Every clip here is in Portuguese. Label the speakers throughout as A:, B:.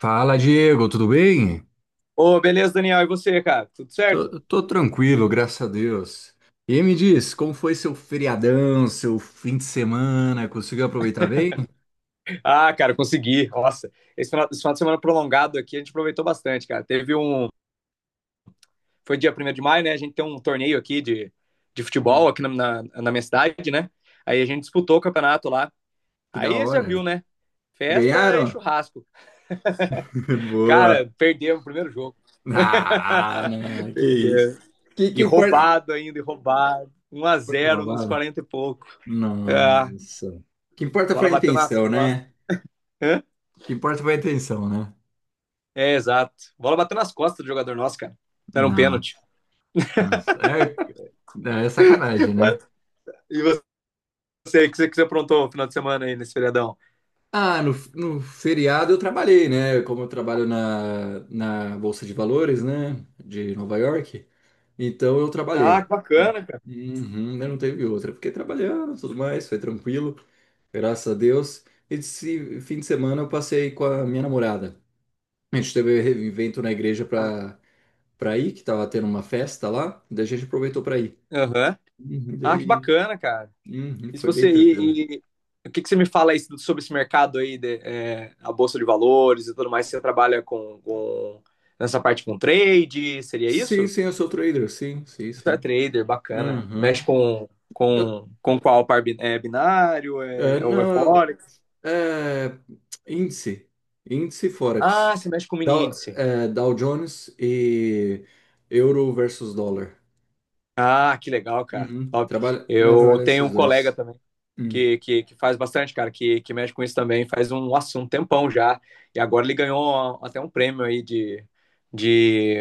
A: Fala, Diego, tudo bem?
B: Ô, beleza, Daniel. E você, cara? Tudo certo?
A: Tô tranquilo, graças a Deus. E me diz, como foi seu feriadão, seu fim de semana? Conseguiu aproveitar bem?
B: Ah, cara, consegui. Nossa, esse final de semana prolongado aqui a gente aproveitou bastante, cara. Teve um. Foi dia 1 de maio, né? A gente tem um torneio aqui de futebol
A: Hum.
B: aqui na minha cidade, né? Aí a gente disputou o campeonato lá.
A: Que da
B: Aí você já viu,
A: hora.
B: né? Festa e
A: Ganharam?
B: churrasco.
A: Boa.
B: Cara, perdemos o primeiro jogo.
A: Ah, não, que isso.
B: Perdeu.
A: Que
B: E
A: importa?
B: roubado ainda, e roubado. Um a
A: Foi
B: zero nos
A: roubada?
B: 40 e pouco. Ah,
A: Nossa. Que importa
B: bola
A: foi a
B: bateu nas
A: intenção,
B: costas.
A: né? Que importa foi a intenção, né?
B: É, exato. Bola bateu nas costas do jogador nosso, cara. Era um
A: Nossa,
B: pênalti.
A: nossa. É, é sacanagem, né?
B: E você, que você aprontou no final de semana aí, nesse feriadão?
A: Ah, no feriado eu trabalhei, né? Como eu trabalho na Bolsa de Valores, né? De Nova York. Então eu
B: Ah,
A: trabalhei.
B: que bacana, cara.
A: Uhum, né, não teve outra. Fiquei trabalhando, tudo mais, foi tranquilo, graças a Deus. Esse fim de semana eu passei com a minha namorada. A gente teve um evento na igreja pra ir, que tava tendo uma festa lá, daí a gente aproveitou pra ir.
B: Aham.
A: Uhum,
B: Ah, que
A: daí,
B: bacana, cara.
A: uhum,
B: E se
A: foi bem
B: você.
A: tranquilo.
B: O que você me fala aí sobre esse mercado aí, de, a Bolsa de Valores e tudo mais? Você trabalha nessa parte com trade? Seria
A: Sim,
B: isso?
A: sim, eu sou trader, sim, sim,
B: Você é
A: sim.
B: trader, bacana.
A: Uhum.
B: Mexe com,
A: Eu
B: com, com qual par é binário?
A: É,
B: É, ou é
A: não,
B: Forex?
A: é, índice, índice
B: Ah,
A: Forex.
B: você mexe com mini índice.
A: Dow Jones e euro versus dólar.
B: Ah, que legal, cara.
A: Uhum.
B: Top.
A: Trabalha, não,
B: Eu
A: trabalha
B: tenho
A: esses
B: um colega
A: dois.
B: também
A: Hum.
B: que faz bastante, cara, que mexe com isso também, faz um, nossa, um tempão já. E agora ele ganhou até um prêmio aí de, de.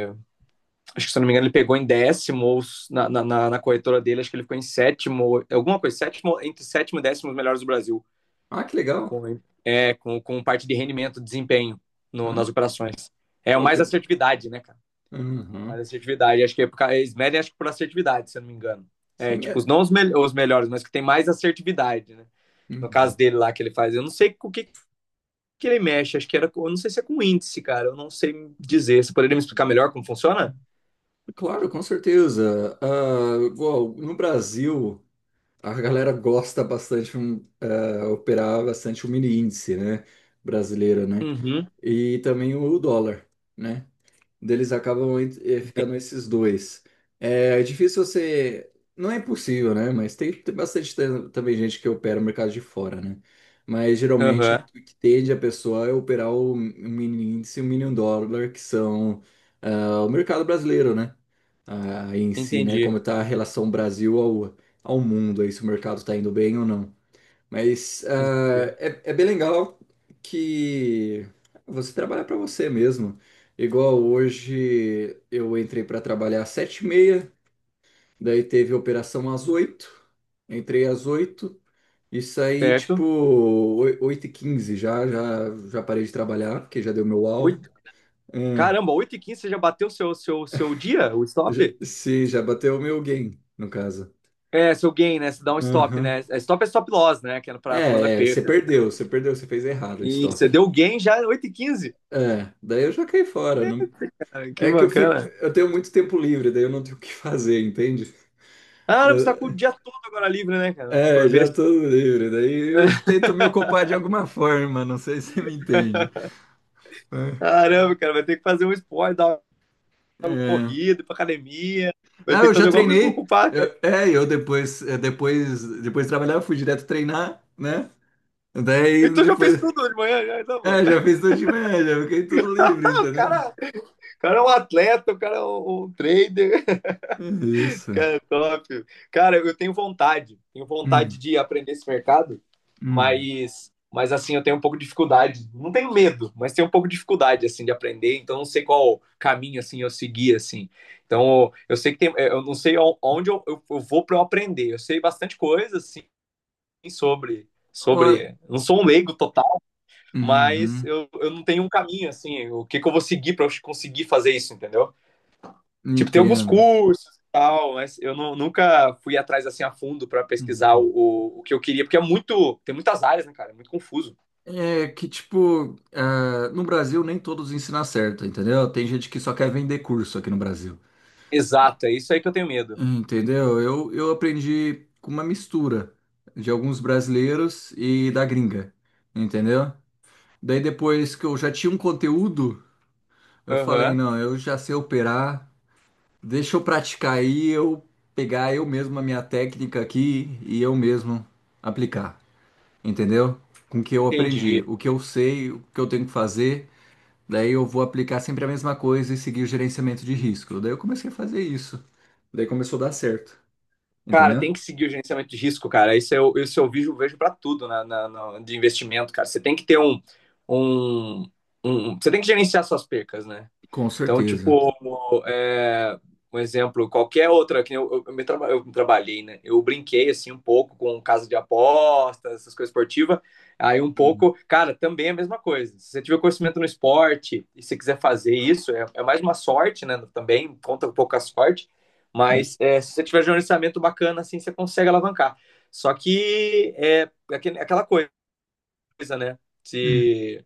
B: Acho que se eu não me engano, ele pegou em 10º ou na corretora dele, acho que ele ficou em sétimo, alguma coisa, sétimo, entre sétimo e 10º os melhores do Brasil.
A: Ah, que legal.
B: Com, com parte de rendimento, desempenho no-
A: Ah,
B: nas operações. É o
A: ok.
B: mais assertividade, né, cara? Mais
A: Uhum.
B: assertividade. Acho que é por eles medem, acho que por assertividade, se eu não me engano. É,
A: Sim,
B: tipo, os-
A: é.
B: não os, mel- os melhores, mas que tem mais assertividade, né? No caso
A: Uhum.
B: dele lá que ele faz. Eu não sei com o que ele mexe, acho que era. Eu não sei se é com índice, cara. Eu não sei dizer. Você poderia me explicar melhor como funciona?
A: Claro, com certeza. Ah, igual, no Brasil, a galera gosta bastante operar bastante o mini índice, né? Brasileiro, né?
B: Uhum.
A: E também o dólar. Né? Deles acabam ficando esses dois. É difícil você. Não é impossível, né? Mas tem bastante também gente que opera o mercado de fora, né? Mas
B: Aham.
A: geralmente o
B: Uhum.
A: que tende a pessoa é operar o mini índice e o mini dólar, que são o mercado brasileiro, né? Ah, em si, né?
B: Entendi.
A: Como está a relação Brasil ao mundo, aí se o mercado está indo bem ou não. Mas
B: Entendi.
A: é bem legal que você trabalha para você mesmo. Igual hoje eu entrei para trabalhar às 7h30, daí teve operação às 8h, entrei às 8h e saí
B: Certo.
A: tipo 8h15 já, já, já parei de trabalhar, porque já deu meu alvo.
B: Oito.
A: Hum,
B: Caramba, 8:15 você já bateu o seu dia, o stop?
A: sim, já bateu o meu gain, no caso.
B: É, seu gain, né? Você dá um stop, né?
A: Aham.
B: É, stop é stop loss, né? Que é pra quando é
A: É, você
B: perca.
A: perdeu, você perdeu, você fez errado o
B: E
A: stop.
B: você deu gain já 8:15.
A: É, daí eu já caí fora, não.
B: Ah, que
A: É que eu fico,
B: bacana.
A: eu tenho muito tempo livre, daí eu não tenho o que fazer, entende?
B: Caramba, você tá com o dia todo agora livre, né, cara?
A: É,
B: Por ver.
A: já tô livre, daí eu tento me ocupar de alguma forma, não sei se você me entende. É.
B: Caramba, cara, vai ter que fazer um esporte, dar uma
A: É.
B: corrida, ir pra academia. Vai
A: Ah,
B: ter
A: eu
B: que
A: já
B: fazer alguma coisa pra
A: treinei.
B: ocupar, cara.
A: Depois de trabalhar, eu fui direto treinar, né? Daí
B: Então já fez
A: depois,
B: tudo de manhã, já. Então, mano.
A: já fiz tudo de média, fiquei tudo livre,
B: O
A: entendeu?
B: cara, o cara é um atleta, o cara é um trader.
A: É isso.
B: Cara, top. Cara, eu tenho vontade
A: Hum,
B: de aprender esse mercado,
A: hum.
B: mas assim, eu tenho um pouco de dificuldade. Não tenho medo, mas tenho um pouco de dificuldade, assim, de aprender. Então, não sei qual caminho, assim, eu seguir, assim. Então, eu sei que tem, eu não sei onde eu vou para eu aprender. Eu sei bastante coisa, assim, sobre,
A: Ó-
B: sobre. Não sou um leigo total, mas
A: Uhum,
B: eu não tenho um caminho, assim, o que eu vou seguir para eu conseguir fazer isso, entendeu? Tipo, tem alguns
A: entendo.
B: cursos e tal, mas eu nunca fui atrás assim a fundo para pesquisar o,
A: Uhum.
B: o, o que eu queria, porque é muito, tem muitas áreas, né, cara? É muito confuso.
A: É que, tipo, no Brasil nem todos ensinam certo, entendeu? Tem gente que só quer vender curso aqui no Brasil,
B: Exato, é isso aí que eu tenho medo.
A: entendeu? Eu aprendi com uma mistura de alguns brasileiros e da gringa, entendeu? Daí depois que eu já tinha um conteúdo, eu falei,
B: Aham,
A: não, eu já sei operar, deixa eu praticar aí, eu pegar eu mesmo a minha técnica aqui e eu mesmo aplicar, entendeu? Com o que eu
B: entendi.
A: aprendi, o que eu sei, o que eu tenho que fazer. Daí eu vou aplicar sempre a mesma coisa e seguir o gerenciamento de risco. Daí eu comecei a fazer isso. Daí começou a dar certo.
B: Cara,
A: Entendeu?
B: tem que seguir o gerenciamento de risco, cara. Isso eu vejo, vejo para tudo de investimento, cara. Você tem que ter um, Você tem que gerenciar suas percas, né?
A: Com
B: Então,
A: certeza.
B: tipo, é, um exemplo, qualquer outra, que nem eu trabalhei, né? Eu brinquei, assim, um pouco com casa de apostas, essas coisas esportivas. Aí um
A: Hum.
B: pouco, cara, também é a mesma coisa. Se você tiver conhecimento no esporte e você quiser fazer isso, é mais uma sorte, né? Também conta um pouco a sorte.
A: Hum,
B: Mas é, se você tiver gerenciamento bacana, assim, você consegue alavancar. Só que é aquela coisa, né?
A: hum.
B: Se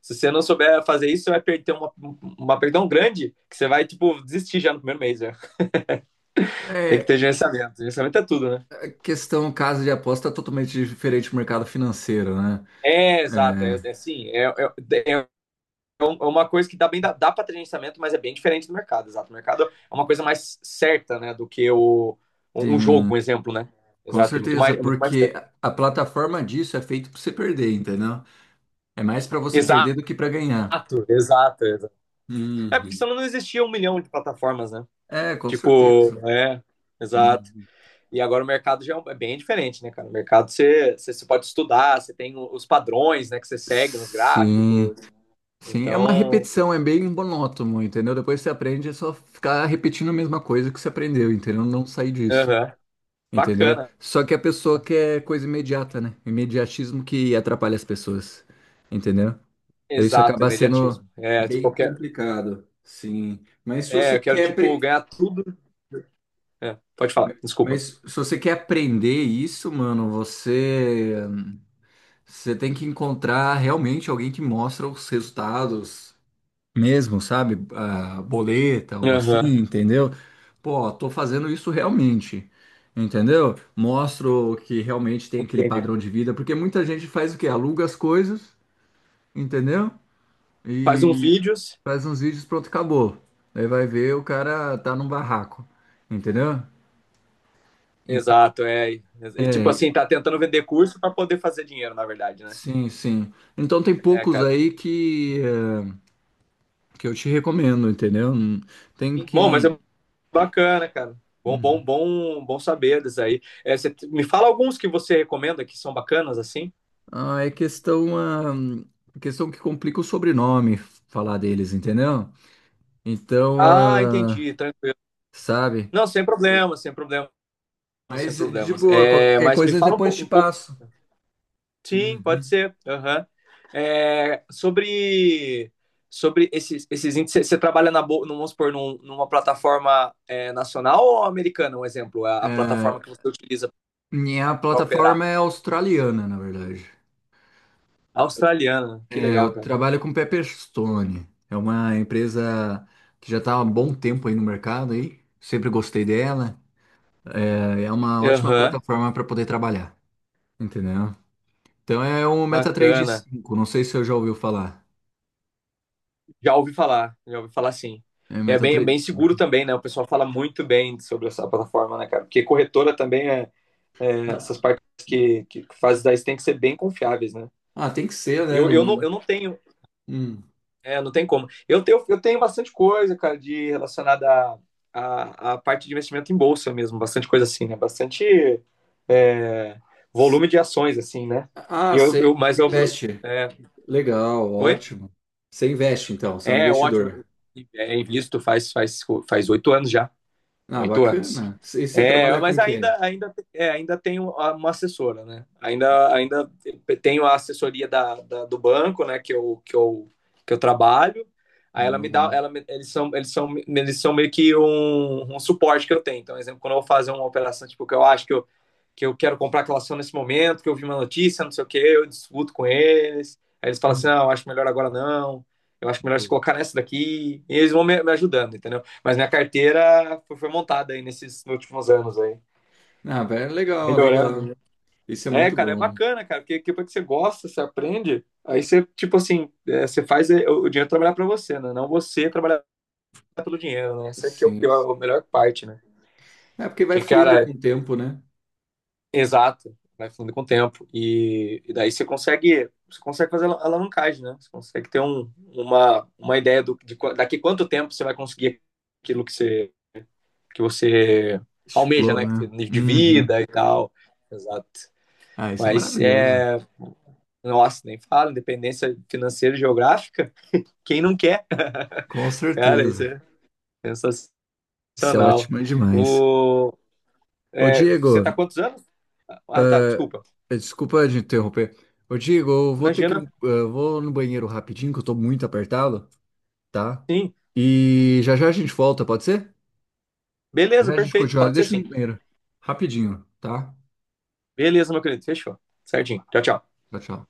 B: se você não souber fazer isso, você vai perder uma perda tão grande que você vai, tipo, desistir já no primeiro mês, né? Tem que
A: É
B: ter gerenciamento. Gerenciamento é tudo, né?
A: questão, casa de aposta é totalmente diferente do mercado financeiro, né?
B: É, exato. É
A: É,
B: assim, é uma coisa que dá para ter gerenciamento, mas é bem diferente do mercado, exato. O mercado é uma coisa mais certa, né, do que o, um um
A: sim,
B: jogo, um exemplo, né?
A: com
B: Exato,
A: certeza,
B: é muito mais certo.
A: porque a plataforma disso é feita para você perder, entendeu? É mais para você
B: Exato,
A: perder do que para ganhar.
B: exato, exato. É porque
A: Uhum.
B: senão não existia um milhão de plataformas, né?
A: É, com
B: Tipo,
A: certeza.
B: é, exato.
A: Uhum.
B: E agora o mercado já é bem diferente, né, cara? O mercado você pode estudar, você tem os padrões, né, que você segue nos
A: Sim.
B: gráficos.
A: Sim, é uma
B: Então,
A: repetição, é bem monótono, entendeu? Depois você aprende, é só ficar repetindo a mesma coisa que você aprendeu, entendeu? Não sair disso,
B: aham,
A: entendeu?
B: bacana.
A: Só que a pessoa quer coisa imediata, né? Imediatismo que atrapalha as pessoas, entendeu? Daí isso
B: Exato,
A: acaba sendo
B: imediatismo. É, tipo, eu
A: bem
B: quero,
A: complicado, sim. Mas se
B: é,
A: você
B: eu quero,
A: quer,
B: tipo,
A: pre-
B: ganhar tudo. É, pode falar, desculpa.
A: mas se você quer aprender isso, mano, você tem que encontrar realmente alguém que mostra os resultados mesmo, sabe? Ah, boleta, algo assim,
B: Aham,
A: entendeu? Pô, tô fazendo isso realmente, entendeu? Mostro que realmente tem aquele
B: entendi.
A: padrão de vida, porque muita gente faz o quê? Aluga as coisas, entendeu?
B: Faz uns
A: E
B: vídeos.
A: faz uns vídeos, pronto, acabou. Aí vai ver, o cara tá num barraco, entendeu? Então,
B: Exato, é. E, tipo
A: é,
B: assim, tá tentando vender curso para poder fazer dinheiro, na verdade, né?
A: sim, sim. Então tem
B: É,
A: poucos
B: cara.
A: aí que eu te recomendo, entendeu? Tem
B: Bom,
A: que.
B: bacana, cara. Bom saber disso aí. É, me fala alguns que você recomenda que são bacanas assim?
A: Ah, é questão, questão que complica o sobrenome falar deles, entendeu? Então,
B: Ah, entendi. Tranquilo.
A: sabe?
B: Não, sem problemas, sem problemas, sem
A: Mas de
B: problemas.
A: boa,
B: É,
A: qualquer
B: mas me
A: coisa
B: fala
A: depois te
B: um pouco.
A: passo.
B: Sim, pode
A: Uhum.
B: ser. Aham. É, sobre esses índices, você trabalha vamos supor, numa plataforma nacional ou americana, um exemplo? A plataforma
A: É,
B: que você utiliza
A: minha
B: para operar?
A: plataforma é australiana, na verdade.
B: Australiana. Que
A: É,
B: legal,
A: eu
B: cara.
A: trabalho com Pepperstone. É uma empresa que já está há um bom tempo aí no mercado aí. Sempre gostei dela. É uma ótima
B: Aham.
A: plataforma para poder trabalhar, entendeu? Então é o MetaTrader
B: Bacana.
A: 5. Não sei se você já ouviu falar.
B: Já ouvi falar sim.
A: É
B: É
A: meta
B: bem, é bem seguro
A: 3,5.
B: também, né? O pessoal fala muito bem sobre essa plataforma, né, cara? Porque corretora também, essas
A: Ah,
B: partes que fazem daí tem que ser bem confiáveis, né?
A: ah, tem que ser, né?
B: Eu, não,
A: Não,
B: eu não tenho,
A: hum.
B: não tem como. Eu tenho bastante coisa, cara, de relacionada à parte de investimento em bolsa mesmo, bastante coisa assim, né? Bastante é, volume de ações, assim, né? E
A: Ah, você
B: eu, mas
A: você
B: eu,
A: investe.
B: é,
A: Legal,
B: oi?
A: ótimo. Você investe, então, você é um
B: É ótimo.
A: investidor.
B: É, invisto faz 8 anos já.
A: Ah,
B: 8 anos.
A: bacana. E você
B: É,
A: trabalha com
B: mas
A: o quê?
B: ainda tenho uma assessora, né? Ainda tenho a assessoria do banco, né? Que eu trabalho. Aí
A: Ah,
B: ela me dá,
A: legal.
B: eles são meio que um suporte que eu tenho. Então, por exemplo, quando eu vou fazer uma operação, tipo, que eu acho que eu quero comprar aquela ação nesse momento, que eu vi uma notícia, não sei o quê, eu discuto com eles. Aí eles falam assim,
A: Hum.
B: não, eu acho melhor agora não. Eu acho melhor se colocar nessa daqui. E eles vão me ajudando, entendeu? Mas minha carteira foi montada aí nesses últimos anos aí.
A: Ah, velho, legal,
B: Melhorando,
A: legal.
B: né?
A: Isso é
B: É,
A: muito
B: cara, é
A: bom.
B: bacana, cara, porque depois que você gosta, você aprende, aí você, tipo assim, você faz o dinheiro trabalhar pra você, né? Não você trabalhar pelo dinheiro, né? Essa aqui é o
A: Sim.
B: pior, a melhor parte, né?
A: É porque vai
B: Que,
A: fluindo
B: cara,
A: com
B: é
A: o tempo, né?
B: exato, vai fundo com o tempo. E daí você consegue fazer alavancagem, né? Você consegue ter uma ideia daqui quanto tempo você vai conseguir aquilo que você almeja,
A: Explorou,
B: né,
A: né?
B: de
A: Uhum.
B: vida e tal. Exato.
A: Ah, isso é
B: Mas
A: maravilhoso.
B: é. Nossa, nem falo, independência financeira e geográfica, quem não quer?
A: Com
B: Cara, isso
A: certeza.
B: é
A: Isso é
B: sensacional.
A: ótimo demais.
B: O...
A: Ô,
B: É, você
A: Diego.
B: tá há quantos anos? Ah, tá, desculpa.
A: Desculpa de interromper. Ô, Diego, eu vou ter que ir,
B: Imagina,
A: vou no banheiro rapidinho, que eu tô muito apertado, tá?
B: sim.
A: E já já a gente volta, pode ser? Já já
B: Beleza,
A: a gente
B: perfeito,
A: continua.
B: pode ser
A: Deixa
B: sim.
A: no banheiro. Rapidinho, tá?
B: Beleza, meu querido, fechou. Certinho. Tchau, tchau.
A: Tchau, tchau.